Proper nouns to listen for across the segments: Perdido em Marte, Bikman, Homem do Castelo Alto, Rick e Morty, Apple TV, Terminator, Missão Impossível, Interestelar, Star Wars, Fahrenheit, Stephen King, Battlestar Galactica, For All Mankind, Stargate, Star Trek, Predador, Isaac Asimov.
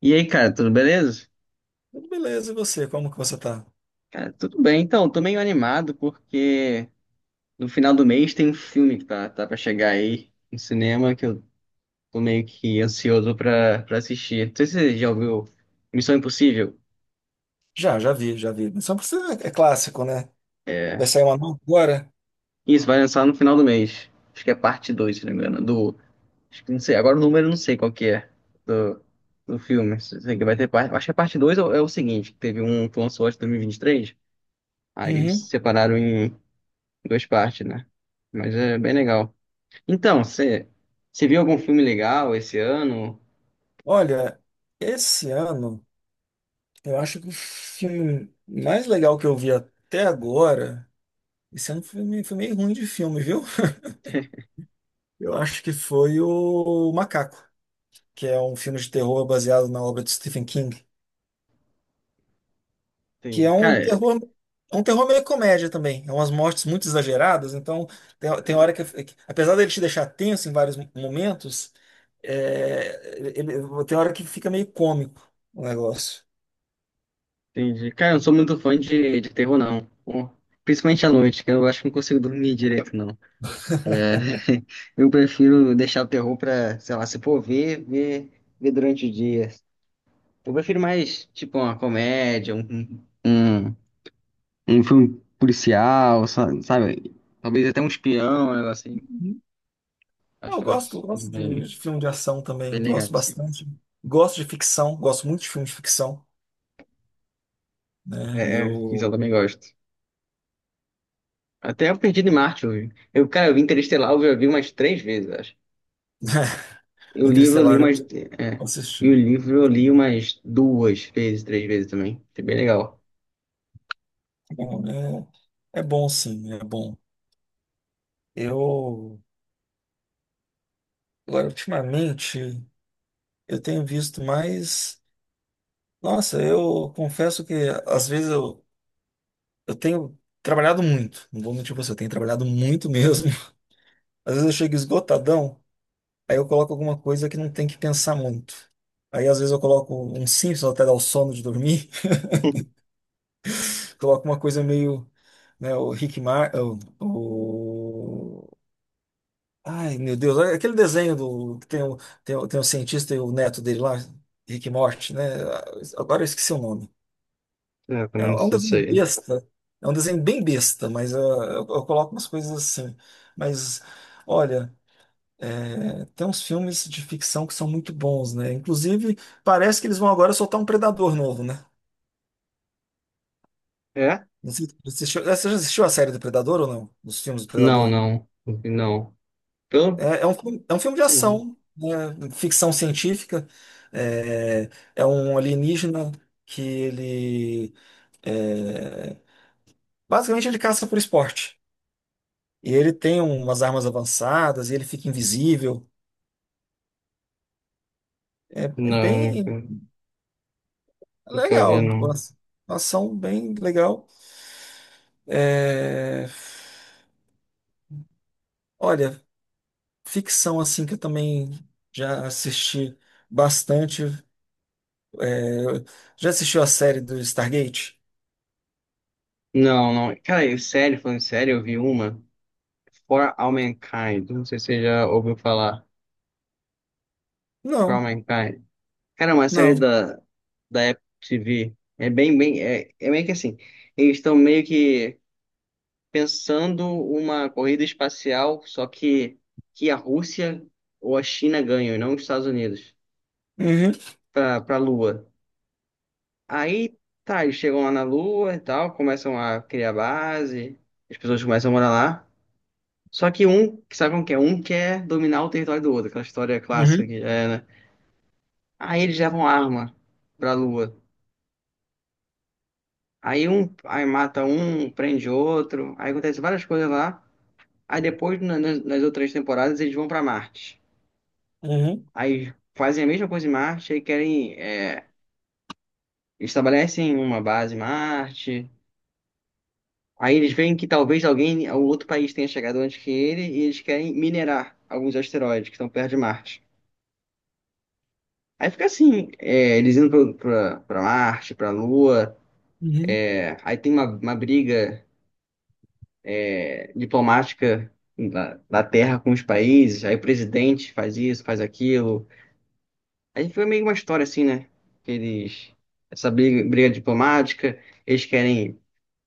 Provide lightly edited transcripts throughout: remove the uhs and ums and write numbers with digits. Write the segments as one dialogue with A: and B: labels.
A: E aí, cara, tudo beleza?
B: Tudo beleza, e você? Como que você tá?
A: Cara, tudo bem. Então, tô meio animado porque no final do mês tem um filme que tá pra chegar aí no cinema que eu tô meio que ansioso pra assistir. Não sei se você já ouviu Missão Impossível.
B: Já vi, já vi. Mas só pra você é clássico, né? Vai
A: É.
B: sair uma nova agora?
A: Isso, vai lançar no final do mês. Acho que é parte 2 se não me engano. Do. Acho que não sei. Agora o número eu não sei qual que é do, do filme. Sei que vai ter parte. Acho que a parte 2 é, o é o seguinte: que teve um que lançou acho que em dois mil e vinte e três. Aí eles
B: Uhum.
A: separaram em duas partes, né? Mas é bem legal. Então, você viu algum filme legal esse ano?
B: Olha, esse ano, eu acho que o filme mais legal que eu vi até agora, esse ano foi, foi meio ruim de filme, viu? Eu acho que foi o Macaco, que é um filme de terror baseado na obra de Stephen King. Que é
A: Tem,
B: um
A: cara,
B: terror, É um terror meio comédia também. É umas mortes muito exageradas, então tem hora apesar dele te deixar tenso em vários momentos, tem hora que fica meio cômico o negócio.
A: entendi. Cara, eu não sou muito fã de terror, não. Pô, principalmente à noite, que eu acho que não consigo dormir direito, não. É, eu prefiro deixar o terror pra, sei lá, se for ver, ver durante o dia. Eu prefiro mais, tipo, uma comédia, um filme policial, sabe? Talvez até um espião, um negócio assim.
B: Uhum. Eu
A: Acho
B: gosto,
A: assim,
B: gosto de filme de ação
A: bem
B: também,
A: legal,
B: gosto
A: assim.
B: bastante. Gosto de ficção, gosto muito de filme de ficção, né?
A: É, isso
B: Eu
A: eu também gosto. Até o Perdido em Marte eu vi. Eu, cara, eu vi Interestelar, eu já vi umas três vezes, acho. E o livro eu li
B: Interestelar eu
A: umas. É. E o
B: assisti.
A: livro eu li umas duas vezes, três vezes também. Foi bem legal.
B: Bom, é bom sim, é bom. Eu agora ultimamente. Eu tenho visto mais. Nossa, eu confesso que às vezes eu tenho trabalhado muito. Não vou mentir pra você, eu tenho trabalhado muito mesmo. Às vezes eu chego esgotadão, aí eu coloco alguma coisa que não tem que pensar muito. Aí às vezes eu coloco um Simpsons até dar o sono de dormir, coloco uma coisa meio, né, o Rick Mar, o- Ai, meu Deus, é aquele desenho do que tem o cientista e o neto dele lá, Rick e Morty, né? Agora eu esqueci o nome.
A: É,
B: É
A: pelo
B: é um
A: menos isso
B: desenho
A: aí.
B: besta. É um desenho bem besta, mas eu coloco umas coisas assim. Mas, olha, tem uns filmes de ficção que são muito bons, né? Inclusive, parece que eles vão agora soltar um Predador novo, né?
A: É?
B: Não sei se você assistiu, você já assistiu a série do Predador ou não? Dos filmes do
A: Não,
B: Predador?
A: não. Não. Pelo.
B: É, é um filme de
A: Não.
B: ação, né? Ficção científica. É, é um alienígena que ele. é, Basicamente, ele caça por esporte. E ele tem umas armas avançadas e ele fica invisível. É
A: Não,
B: bem
A: nunca, nunca vi,
B: legal. Uma
A: não.
B: uma ação bem legal. É, olha, ficção assim que eu também já assisti bastante. Eu- Já assistiu a série do Stargate?
A: Não, não. Cara, eu, sério, falando sério, eu vi uma. For All Mankind. Não sei se você já ouviu falar. For All
B: Não,
A: Mankind. Cara, é uma
B: não.
A: da Apple TV. É bem, é, é meio que assim, eles estão meio que pensando uma corrida espacial, só que a Rússia ou a China ganham, e não os Estados Unidos,
B: Uhum,
A: para a Lua. Aí, tá, eles chegam lá na Lua e tal, começam a criar base, as pessoas começam a morar lá. Só que um, que sabe como que é? Um quer dominar o território do outro, aquela história clássica que
B: uhum,
A: é, né? Aí eles levam arma pra Lua. Aí um, aí mata um, prende outro, aí acontece várias coisas lá. Aí depois, nas, nas outras temporadas, eles vão pra Marte.
B: uhum,
A: Aí fazem a mesma coisa em Marte, aí querem, é, estabelecem uma base em Marte. Aí eles veem que talvez alguém, algum outro país tenha chegado antes que ele, e eles querem minerar alguns asteroides que estão perto de Marte. Aí fica assim, é, eles indo pra Marte, pra Lua.
B: uhum.
A: Aí tem uma briga diplomática da terra com os países, aí o presidente faz isso, faz aquilo. Aí foi meio uma história assim, né? Que eles, essa briga diplomática, eles querem,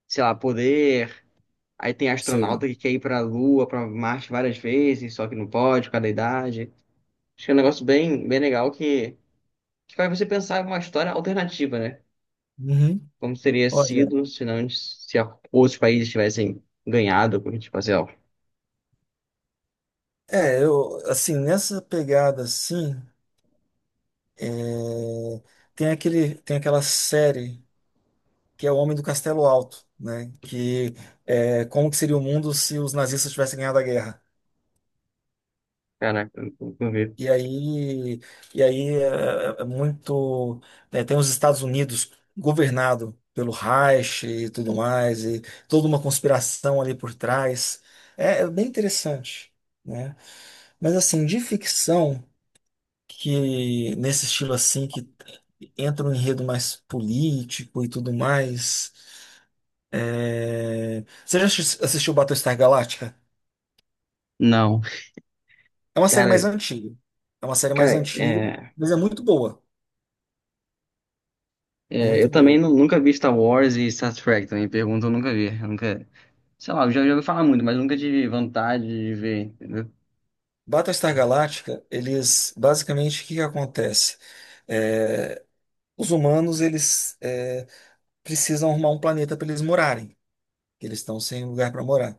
A: sei lá, poder. Aí tem
B: Sei.
A: astronauta que quer ir pra Lua, pra Marte várias vezes, só que não pode, por causa da idade. Acho que é um negócio bem legal que faz você pensar em uma história alternativa, né?
B: Uhum.
A: Como teria
B: Olha,
A: sido se não, se outros países tivessem ganhado, porque, tipo assim, ó,
B: assim, nessa pegada assim, é, tem aquela série. Que é o Homem do Castelo Alto, né? Que é, como que seria o mundo se os nazistas tivessem ganhado a guerra?
A: caraca, eu não vi.
B: E aí, e aí tem os Estados Unidos governado pelo Reich e tudo mais e toda uma conspiração ali por trás. É bem interessante, né? Mas assim, de ficção que nesse estilo assim que entra um enredo mais político e tudo mais. Você já assistiu Battlestar Galactica?
A: Não.
B: É uma série mais
A: Cara,
B: antiga. É uma série mais
A: cara,
B: antiga, mas é muito boa. É muito
A: eu
B: boa.
A: também nunca vi Star Wars e Star Trek, também pergunta, eu nunca vi. Eu nunca, sei lá, eu já ouvi falar muito, mas nunca tive vontade de ver, entendeu?
B: Battlestar Galactica, eles basicamente o que que acontece? É, os humanos eles precisam arrumar um planeta para eles morarem. Que eles estão sem lugar para morar.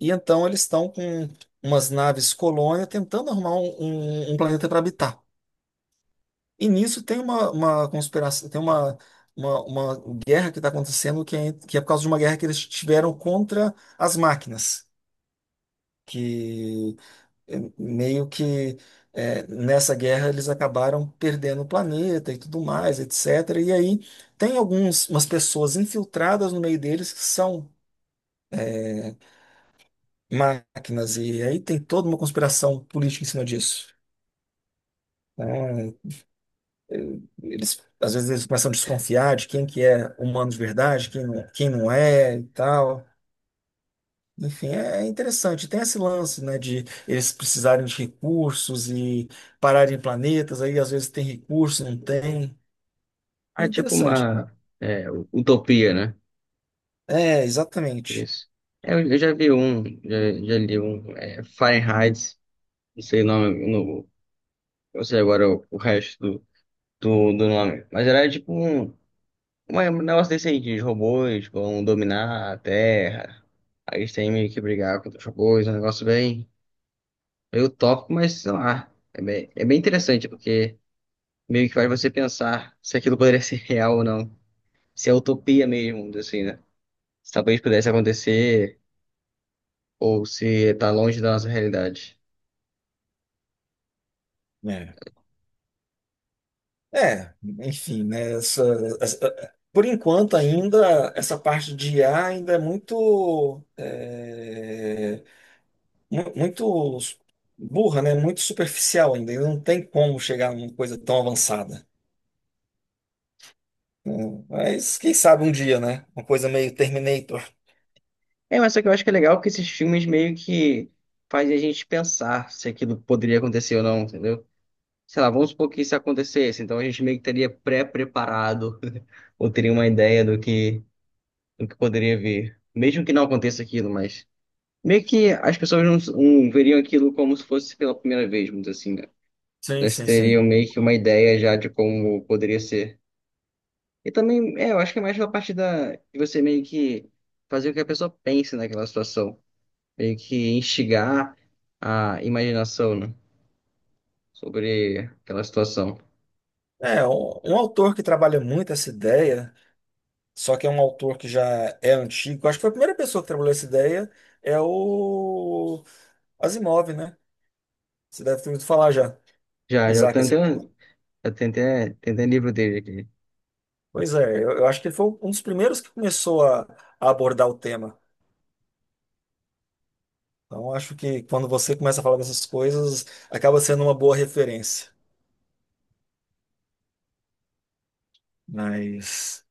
B: E então eles estão com umas naves colônia tentando arrumar um planeta para habitar. E nisso tem uma conspiração, tem uma guerra que está acontecendo que é por causa de uma guerra que eles tiveram contra as máquinas. Que meio que nessa guerra eles acabaram perdendo o planeta e tudo mais, etc. E aí tem algumas umas pessoas infiltradas no meio deles que são máquinas, e aí tem toda uma conspiração política em cima disso. Né? Eles, às vezes eles começam a desconfiar de quem que é humano de verdade, quem não é e tal. Enfim, é interessante. Tem esse lance, né, de eles precisarem de recursos e pararem planetas, aí às vezes tem recurso, não tem.
A: Ah,
B: É
A: é tipo
B: interessante.
A: uma utopia, né?
B: É, exatamente.
A: Isso. É, eu já vi um, já li um, é, Fahrenheit, não sei o nome, no, eu sei agora o resto do nome, mas era tipo um, um negócio desse aí, de robôs vão dominar a Terra, aí eles têm meio que brigar contra os robôs, um negócio bem. Eu topo, mas sei lá. É bem interessante, porque meio que faz você pensar se aquilo poderia ser real ou não. Se é utopia mesmo, assim, né? Se talvez pudesse acontecer, ou se tá longe da nossa realidade.
B: É. É, enfim, né, por enquanto ainda essa parte de IA ainda é muito, muito burra, né, muito superficial ainda. Não tem como chegar numa coisa tão avançada. Mas quem sabe um dia, né, uma coisa meio Terminator.
A: É, mas só que eu acho que é legal que esses filmes meio que fazem a gente pensar se aquilo poderia acontecer ou não, entendeu? Sei lá, vamos supor que isso acontecesse, então a gente meio que estaria pré-preparado, ou teria uma ideia do que poderia vir. Mesmo que não aconteça aquilo, mas. Meio que as pessoas não veriam aquilo como se fosse pela primeira vez, vamos dizer assim, né?
B: Sim,
A: Elas
B: sim,
A: teriam
B: sim.
A: meio que uma ideia já de como poderia ser. E também, é, eu acho que é mais pela parte de você meio que fazer com que a pessoa pense naquela situação. Meio que instigar a imaginação, né? Sobre aquela situação.
B: É, um autor que trabalha muito essa ideia, só que é um autor que já é antigo, acho que foi a primeira pessoa que trabalhou essa ideia, é o Asimov, né? Você deve ter ouvido falar já,
A: Já, já
B: Isaac
A: tentei,
B: Asimov.
A: tentei livro dele aqui.
B: Pois é, eu acho que ele foi um dos primeiros que começou a abordar o tema. Então, acho que quando você começa a falar dessas coisas, acaba sendo uma boa referência. Mas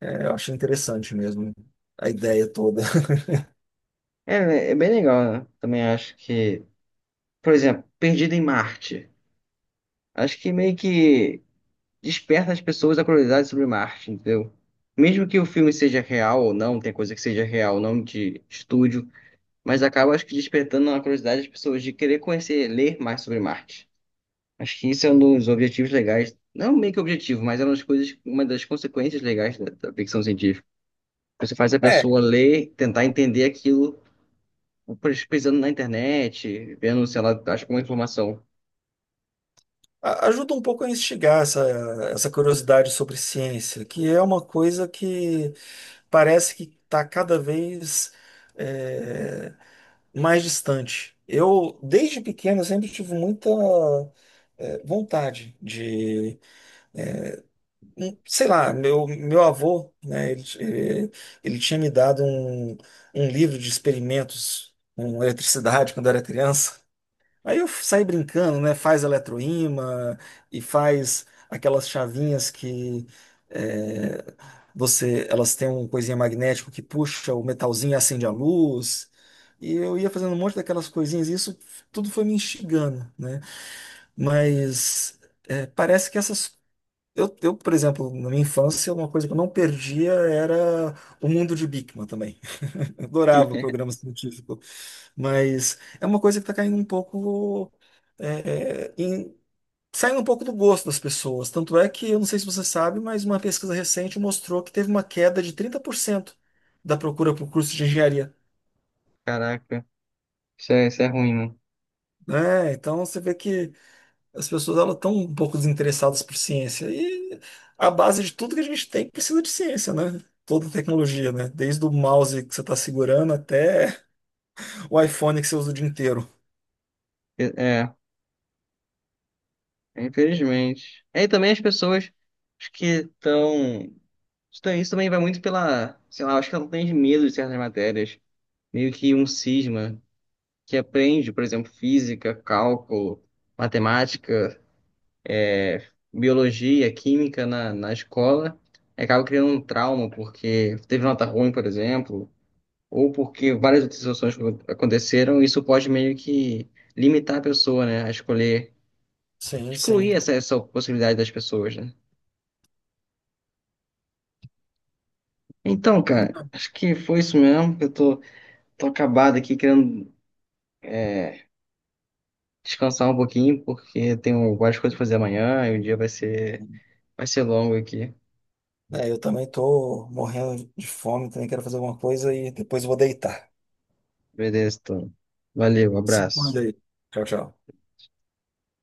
B: eu achei interessante mesmo a ideia toda.
A: É, é bem legal, né? Também acho que, por exemplo, Perdido em Marte. Acho que meio que desperta as pessoas a curiosidade sobre Marte, entendeu? Mesmo que o filme seja real ou não, tem coisa que seja real, não de estúdio, mas acaba, acho que, despertando a curiosidade das pessoas de querer conhecer, ler mais sobre Marte. Acho que isso é um dos objetivos legais, não meio que objetivo, mas é uma das coisas, uma das consequências legais da ficção científica. Você faz a pessoa ler, tentar entender aquilo, pesquisando na internet, vendo, sei lá, acho que uma informação.
B: Ajuda um pouco a instigar essa curiosidade sobre ciência, que é uma coisa que parece que está cada vez é, mais distante. Eu, desde pequeno, eu sempre tive muita vontade de, sei lá, meu avô, né, ele tinha me dado um livro de experimentos com eletricidade quando eu era criança. Aí eu saí brincando, né? Faz eletroímã e faz aquelas chavinhas que é, elas têm um coisinha magnético que puxa o metalzinho e acende a luz. E eu ia fazendo um monte daquelas coisinhas, e isso tudo foi me instigando, né? Mas parece que essas. Eu, por exemplo, na minha infância, uma coisa que eu não perdia era o mundo de Bikman também. Eu adorava programa científico, mas é uma coisa que está caindo um pouco, é, é, em- saindo um pouco do gosto das pessoas. Tanto é que, eu não sei se você sabe, mas uma pesquisa recente mostrou que teve uma queda de 30% da procura por curso de engenharia,
A: Caraca, isso é ruim, né?
B: né? Então você vê que as pessoas elas estão um pouco desinteressadas por ciência e a base de tudo que a gente tem precisa de ciência, né? Toda tecnologia, né? Desde o mouse que você está segurando até o iPhone que você usa o dia inteiro.
A: É, é. Infelizmente. É, e também as pessoas acho que estão. Isso também vai muito pela. Sei lá, acho que ela tem medo de certas matérias. Meio que um cisma que aprende, por exemplo, física, cálculo, matemática, biologia, química na escola. E acaba criando um trauma porque teve nota ruim, por exemplo, ou porque várias outras situações que aconteceram. Isso pode meio que limitar a pessoa, né, a escolher,
B: Sim, sim.
A: excluir essa possibilidade das pessoas, né? Então, cara, acho que foi isso mesmo. Eu tô acabado aqui querendo é, descansar um pouquinho, porque tenho várias coisas pra fazer amanhã e o dia vai ser longo aqui.
B: É, eu também tô morrendo de fome, também quero fazer alguma coisa e depois eu vou deitar.
A: Beleza, então. Valeu, um
B: Se
A: abraço.
B: cuida aí. Tchau, tchau.